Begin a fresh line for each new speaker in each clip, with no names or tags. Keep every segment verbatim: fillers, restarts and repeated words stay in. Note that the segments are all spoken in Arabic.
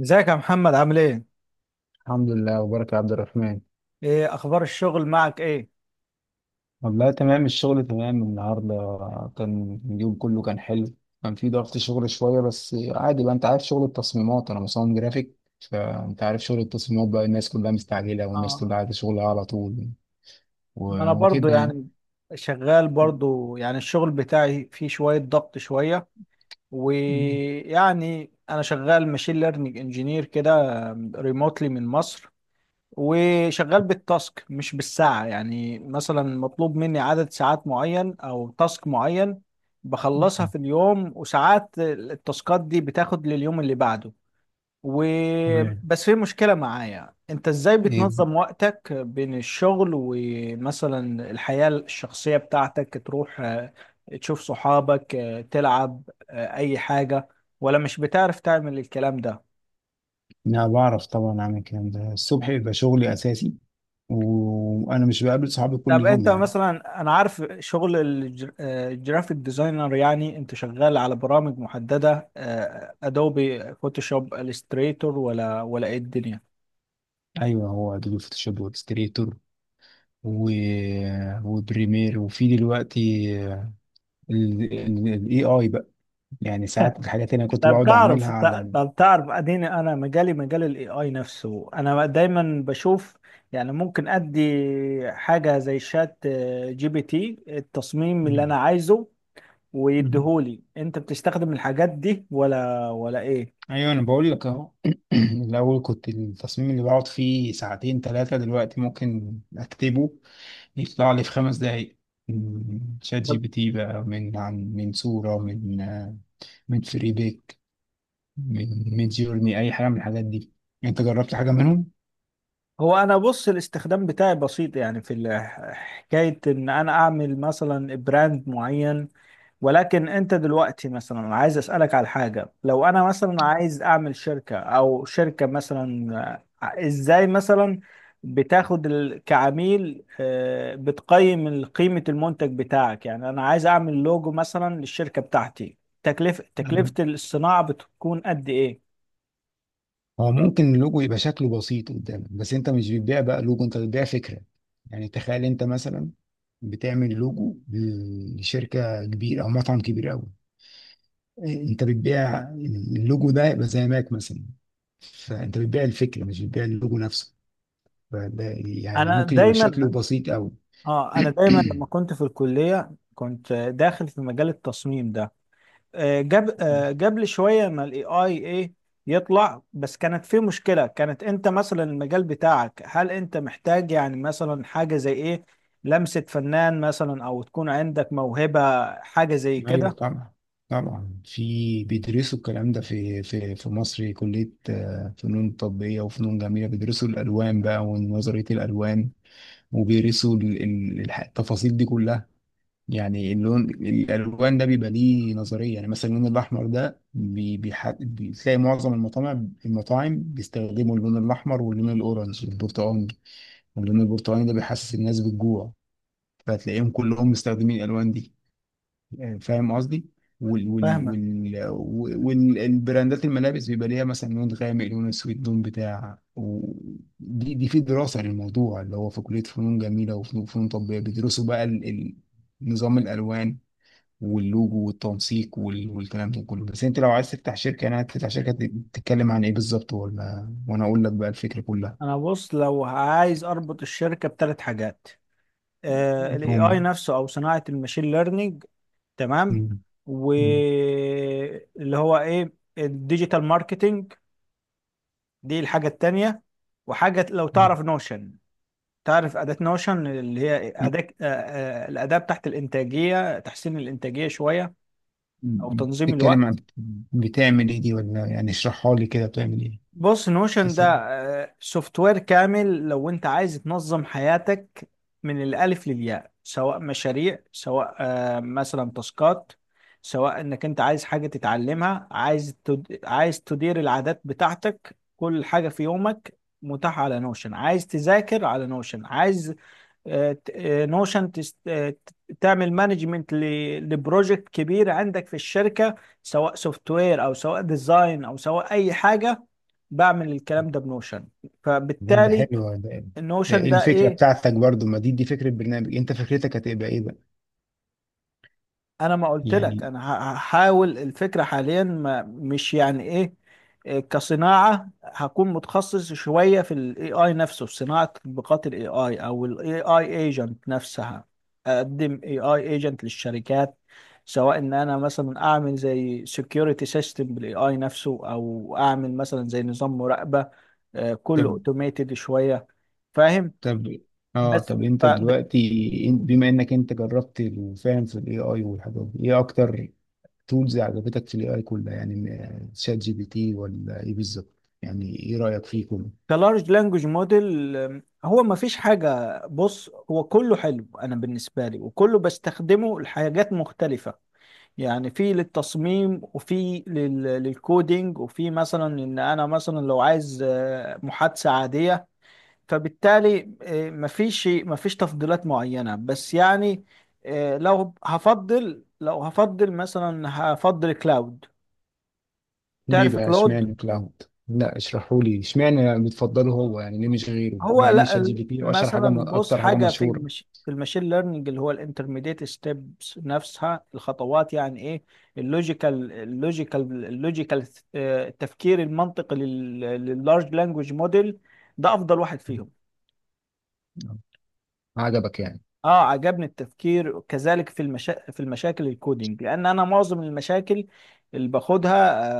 ازيك يا محمد عامل ايه؟
الحمد لله وبارك يا عبد الرحمن.
ايه اخبار الشغل معك ايه؟
والله تمام، الشغل تمام النهارده. كان اليوم كله كان حلو. كان في ضغط شغل شوية، بس عادي بقى، انت عارف شغل التصميمات، انا مصمم جرافيك. فانت عارف شغل التصميمات بقى، الناس كلها مستعجلة، والناس
اه،
كلها عايزة شغلها على طول.
ما
و-
انا برضو
وكده يعني.
يعني شغال برضو، يعني الشغل بتاعي فيه شوية ضغط شوية، ويعني انا شغال ماشين ليرنينج انجينير كده، ريموتلي من مصر، وشغال بالتاسك مش بالساعة. يعني مثلا مطلوب مني عدد ساعات معين او تاسك معين، بخلصها في اليوم، وساعات التاسكات دي بتاخد لليوم اللي بعده. و
تمام.
بس في مشكلة معايا، انت ازاي
ايه بقى؟
بتنظم وقتك بين الشغل ومثلا الحياة الشخصية بتاعتك؟ تروح آه، تشوف صحابك، آه، تلعب، آه، اي حاجة، ولا مش بتعرف تعمل الكلام ده؟
انا بعرف طبعا اعمل الكلام ده، الصبح بيبقى شغلي اساسي، وانا مش بقابل صحابي كل
طب
يوم
انت
يعني.
مثلا، انا عارف شغل الج- آه، الجرافيك ديزاينر، يعني انت شغال على برامج محددة؟ ادوبي فوتوشوب، الستريتور، ولا ولا ايه الدنيا؟
ايوه، هو ادوبي فوتوشوب واكستريتور و... وبريمير، وفي دلوقتي الاي اي بقى. يعني ساعات الحاجات اللي انا كنت
طب
بقعد اعملها
تعرف
على ال...
طب تعرف اديني، انا مجالي مجال الاي اي نفسه، انا دايما بشوف يعني ممكن ادي حاجه زي شات آه، جي بي تي التصميم اللي
مم.
انا عايزه
مم.
ويديهولي. انت بتستخدم الحاجات دي ولا ولا ايه؟
ايوه، انا بقول لك اهو. الاول كنت التصميم اللي بقعد فيه ساعتين ثلاثه، دلوقتي ممكن اكتبه يطلع لي في خمس دقايق. مم. شات جي بي تي بقى، من عن من صوره، من آه، من فريبيك، من من جيرني، اي حاجه من الحاجات دي. انت جربت حاجه منهم؟
هو انا بص، الاستخدام بتاعي بسيط يعني في ال- حكايه ان انا اعمل مثلا براند معين. ولكن انت دلوقتي مثلا، أنا عايز اسالك على حاجه، لو انا مثلا عايز اعمل شركه او شركه مثلا، آه، ازاي مثلا بتاخد ال- كعميل، آه، بتقيم ال- قيمه المنتج بتاعك؟ يعني انا عايز اعمل لوجو مثلا للشركه بتاعتي، تكلفه تكلفه الصناعه بتكون قد ايه؟
هو ممكن اللوجو يبقى شكله بسيط قدامك، بس انت مش بتبيع بقى لوجو، انت بتبيع فكرة. يعني تخيل انت مثلا بتعمل لوجو لشركة كبيرة او مطعم كبير قوي. انت بتبيع اللوجو ده، يبقى زي ماك مثلا. فانت بتبيع الفكرة، مش بتبيع اللوجو نفسه. فده يعني
انا
ممكن يبقى
دايما
شكله بسيط قوي.
اه انا دايما لما كنت في الكليه كنت داخل في مجال التصميم ده. آه، جاب آه، جاب لي شويه، ما الاي اي ايه يطلع، بس كانت في مشكله. كانت انت مثلا المجال بتاعك، هل انت محتاج يعني مثلا حاجه زي ايه؟ لمسه فنان مثلا، او تكون عندك موهبه، حاجه زي
ايوه
كده؟
طبعا. طبعا في بيدرسوا الكلام ده في في في مصر، كليه آه، فنون تطبيقيه وفنون جميله. بيدرسوا الالوان بقى ونظريه الالوان، وبيدرسوا ال- ال- الح- التفاصيل دي كلها. يعني اللون، الالوان ده بيبقى ليه نظريه. يعني مثلا اللون الاحمر ده بي- بيح- بتلاقي معظم المطاعم المطاعم بيستخدموا اللون الاحمر واللون الاورنج والبرتقاني. واللون البرتقاني ده بيحسس الناس بالجوع، فتلاقيهم كلهم مستخدمين الالوان دي. فاهم قصدي. وال وال
فاهمه.
وال والبراندات، الملابس بيبقى ليها مثلا لون غامق، لون اسود، لون بتاع و- دي دي في دراسة للموضوع، اللي هو في كلية فنون جميلة وفنون فنون تطبيقية، بيدرسوا بقى ال- ال- نظام الألوان واللوجو والتنسيق وال- والكلام ده كله. بس انت لو عايز تفتح شركة، انا هتفتح شركة ت- تتكلم عن ايه بالظبط؟ ولا وانا اقول لك بقى الفكرة كلها؟
انا بص، لو عايز اربط الشركه بثلاث حاجات، الاي اي
هم.
نفسه او صناعه الماشين ليرنينج، تمام،
هم-. هم-.
واللي هو ايه، الديجيتال ماركتينج، دي الحاجة التانية، وحاجة لو
هم-.
تعرف نوشن. تعرف أداة نوشن؟ اللي هي أداة، آه، آه، الأداة بتاعت الإنتاجية، تحسين الإنتاجية شوية أو
هم-.
تنظيم
تتكلم عن،
الوقت.
بتعمل ايه دي؟ ولا يعني اشرحها لي كده، بتعمل ايه؟
بص، نوشن ده
تسلم.
آه، سوفت وير كامل لو انت عايز تنظم حياتك من الالف للياء، سواء مشاريع، سواء آه، مثلا تاسكات، سواء انك انت عايز حاجة تتعلمها، عايز تد... عايز تدير العادات بتاعتك. كل حاجة في يومك متاحة على نوشن. عايز تذاكر على نوشن، عايز نوشن تعمل مانجمنت لبروجكت كبير عندك في الشركة، سواء سوفت وير او سواء ديزاين او سواء اي حاجة، بعمل الكلام ده بنوشن.
طب ده
فبالتالي
حلو ده. ده
النوشن
ايه
ده
الفكرة
ايه؟
بتاعتك برضو؟ ما دي دي فكرة برنامج. انت فكرتك هتبقى ايه بقى؟
انا ما قلت لك،
يعني.
انا ه- هحاول الفكره حاليا، ما مش يعني ايه، إيه كصناعه، هكون متخصص شويه في الاي اي نفسه، في صناعه تطبيقات الاي اي او الاي اي ايجنت نفسها. اقدم اي اي ايجنت للشركات، سواء ان انا مثلا اعمل زي سكيورتي سيستم بالاي اي نفسه، او اعمل مثلا زي نظام مراقبه، آه، كله
طب.
اوتوميتد شويه. فاهم؟
طب اه
بس
طب انت دلوقتي، إن- بما انك انت جربت وفاهم في الاي اي والحاجات دي، ايه اكتر تولز عجبتك في الاي اي كلها يعني؟ م- شات جي بي تي ولا ايه بالظبط؟ يعني ايه رأيك فيه كله؟
كلارج لانجوج موديل، هو ما فيش حاجة، بص هو كله حلو أنا بالنسبة لي، وكله بستخدمه لحاجات مختلفة. يعني في للتصميم، وفي لل- للكودينج، وفي مثلا إن أنا مثلا لو عايز آه، محادثة عادية. فبالتالي آه، ما فيش ما فيش تفضيلات معينة، بس يعني آه، لو هفضل لو هفضل مثلا هفضل كلاود.
ليه
تعرف
بقى
كلاود؟
اشمعنى كلاود؟ لا، اشرحوا لي اشمعنى بتفضله هو يعني، ليه مش غيره
هو
مع ان
لا
شات جي
ال-
بي تي اشهر حاجة،
مثلا
م-
بص،
اكتر حاجة
حاجه في
مشهورة؟
المش... في الماشين ليرنينج، اللي هو الانترميديت ستيبس نفسها، الخطوات يعني ايه، اللوجيكال اللوجيكال اللوجيكال التفكير المنطقي لل... لللارج لانجوج موديل، ده افضل واحد فيهم.
آه. عجبك يعني؟
اه عجبني التفكير، كذلك في المشا... في المشاكل الكودينج، لان انا معظم المشاكل اللي باخدها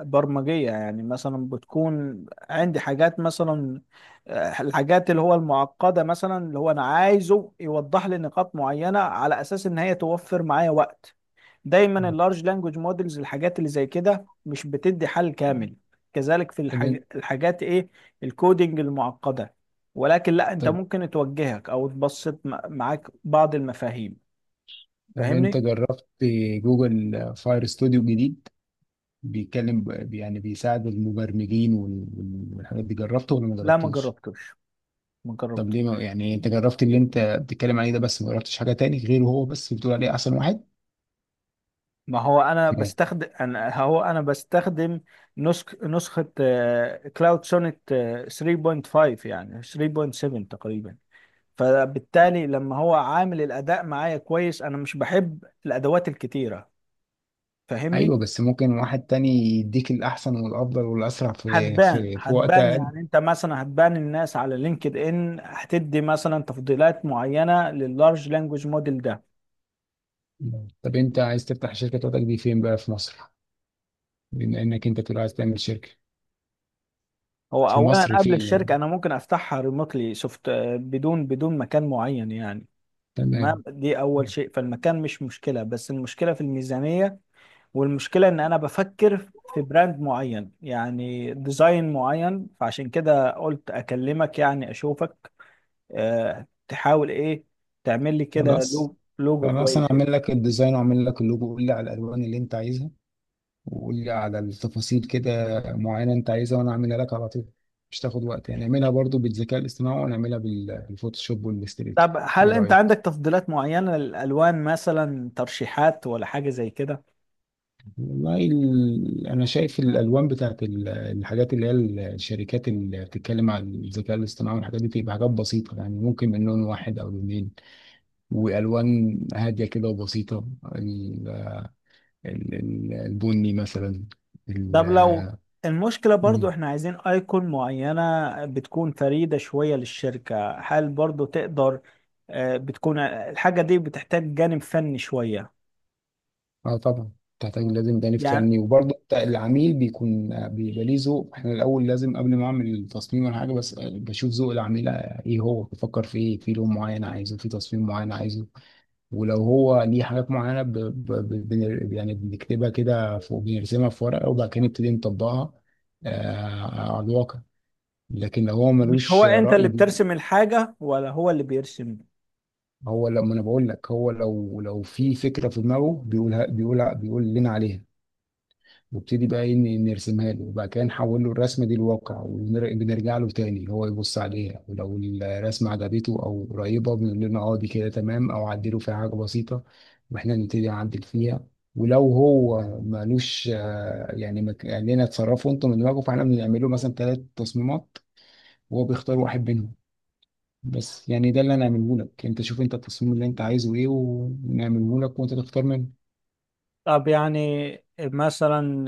آه، برمجيه. يعني مثلا بتكون عندي حاجات مثلا آه، الحاجات اللي هو المعقده، مثلا اللي هو انا عايزه يوضح لي نقاط معينه على اساس ان هي توفر معايا وقت. دايما
آه.
اللارج لانجوج مودلز الحاجات اللي زي كده مش بتدي حل كامل، كذلك في
طب
الحاج... الحاجات ايه، الكودينج المعقدة. ولكن لا، انت
طب
ممكن توجهك او تبسط م- معاك بعض المفاهيم،
طب انت
فاهمني؟
جربت جوجل فاير ستوديو جديد؟ بيتكلم ب- يعني بيساعد المبرمجين وال- وال- والحاجات دي، جربته ولا ما
لا، ما
جربتوش؟
جربتوش، ما
طب ليه؟
جربتوش.
ما يعني انت جربت اللي انت بتتكلم عليه ده بس، ما جربتش حاجة تاني غيره، هو بس بتقول عليه احسن واحد؟
ما هو انا
مم.
بستخدم انا هو انا بستخدم نسخ نسخة كلاود سونيت تلاتة وخمسة، يعني تلاتة وسبعة تقريبا. فبالتالي لما هو عامل الاداء معايا كويس، انا مش بحب الادوات الكتيره، فاهمني؟
ايوه، بس ممكن واحد تاني يديك الاحسن والافضل والاسرع في
هتبان
في في وقت
هتبان
اقل.
يعني، انت مثلا هتبان الناس على لينكد ان هتدي مثلا تفضيلات معينه لللارج لانجوج موديل ده.
مم. طب انت عايز تفتح شركة بتاعتك دي فين بقى، في مصر؟ بما انك انت بتقول عايز تعمل شركة،
هو
في
اولا
مصر
قبل
فين
الشركه
يعني؟
انا ممكن افتحها ريموتلي سوفت، بدون بدون مكان معين يعني. تمام،
تمام.
دي اول شيء، فالمكان مش مشكله، بس المشكله في الميزانيه، والمشكله ان انا بفكر في براند معين يعني ديزاين معين. فعشان كده قلت اكلمك يعني اشوفك، آه، تحاول ايه، تعمل لي كده
خلاص،
لو- لوجو
فانا اصلا
كويس يعني.
اعمل لك الديزاين واعمل لك اللوجو. قول لي على الالوان اللي انت عايزها، وقول لي على التفاصيل كده معينه انت عايزها، وانا اعملها لك على طول. مش تاخد وقت يعني، نعملها برضو بالذكاء الاصطناعي، ونعملها بال- بالفوتوشوب والاستريتور.
طب هل
ايه
انت
رايك؟
عندك تفضيلات معينة للالوان مثلا، ترشيحات ولا حاجة زي كده؟
والله، ال- انا شايف الالوان بتاعت ال- الحاجات اللي هي ال- الشركات اللي بتتكلم عن الذكاء الاصطناعي والحاجات دي، تبقى حاجات بسيطه يعني، ممكن من لون واحد او لونين. والوان هاديه كده وبسيطه، ال- ال- ال- البني مثلا.
طب لو المشكلة برضو
مم.
احنا عايزين ايكون معينة، بتكون فريدة شوية للشركة، هل برضو تقدر؟ آه، بتكون الحاجة دي بتحتاج جانب فني شوية
اه طبعا. تحتاج، لازم جانب
يعني؟
فني، وبرضه بتاع- العميل بيكون، آه، بيبقى ليه ذوق. احنا الاول، لازم قبل ما اعمل التصميم ولا حاجه، بس آه، بشوف ذوق العميل، آه، ايه هو بيفكر في ايه، في لون معين عايزه، في تصميم معين عايزه. ولو هو ليه حاجات معينه ب... ب... ب... بن- يعني، بنكتبها كده فوق، بنرسمها في ورقه، وبعد كده نبتدي نطبقها آه على الواقع. لكن لو هو
مش هو
ملوش
انت
رأي
اللي
بي-
بترسم الحاجة ولا هو اللي بيرسم؟
هو لما انا بقول لك، هو لو لو في فكره في دماغه بيقولها، بيقولها بيقول لنا عليها، نبتدي بقى إيه، ن- نرسمها له، وبعد كده نحول له الرسمه دي لواقع، وبنرجع له تاني هو يبص عليها. ولو الرسمه عجبته او قريبه، بنقول لنا اه دي كده تمام، او عدلوا فيها حاجه بسيطه واحنا نبتدي نعدل فيها. ولو هو مالوش آه، يعني ما ك- قال لنا اتصرفوا انتوا من دماغكم، فاحنا بنعمل له مثلا ثلاث تصميمات، وهو بيختار واحد منهم. بس يعني ده اللي انا هعمله لك، انت شوف انت التصميم اللي انت عايزه ايه، ونعمله لك وانت تختار منه.
طب يعني مثلا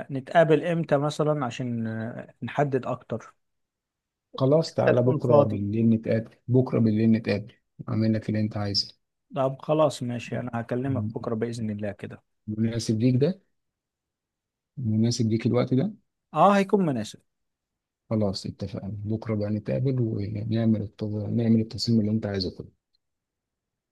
آه، نتقابل امتى مثلا عشان آه، نحدد اكتر؟
خلاص،
انت
تعالى
تكون
بكرة
فاضي؟
بالليل نتقابل، بكرة بالليل نتقابل. أعمل لك اللي أنت عايزه.
طب خلاص ماشي، انا هكلمك
م-
بكرة بإذن الله كده.
مناسب ليك ده؟ مناسب ليك الوقت ده؟
اه هيكون مناسب.
خلاص اتفقنا، بكرة بقى نتقابل ونعمل الت- نعمل التصميم اللي أنت عايزه.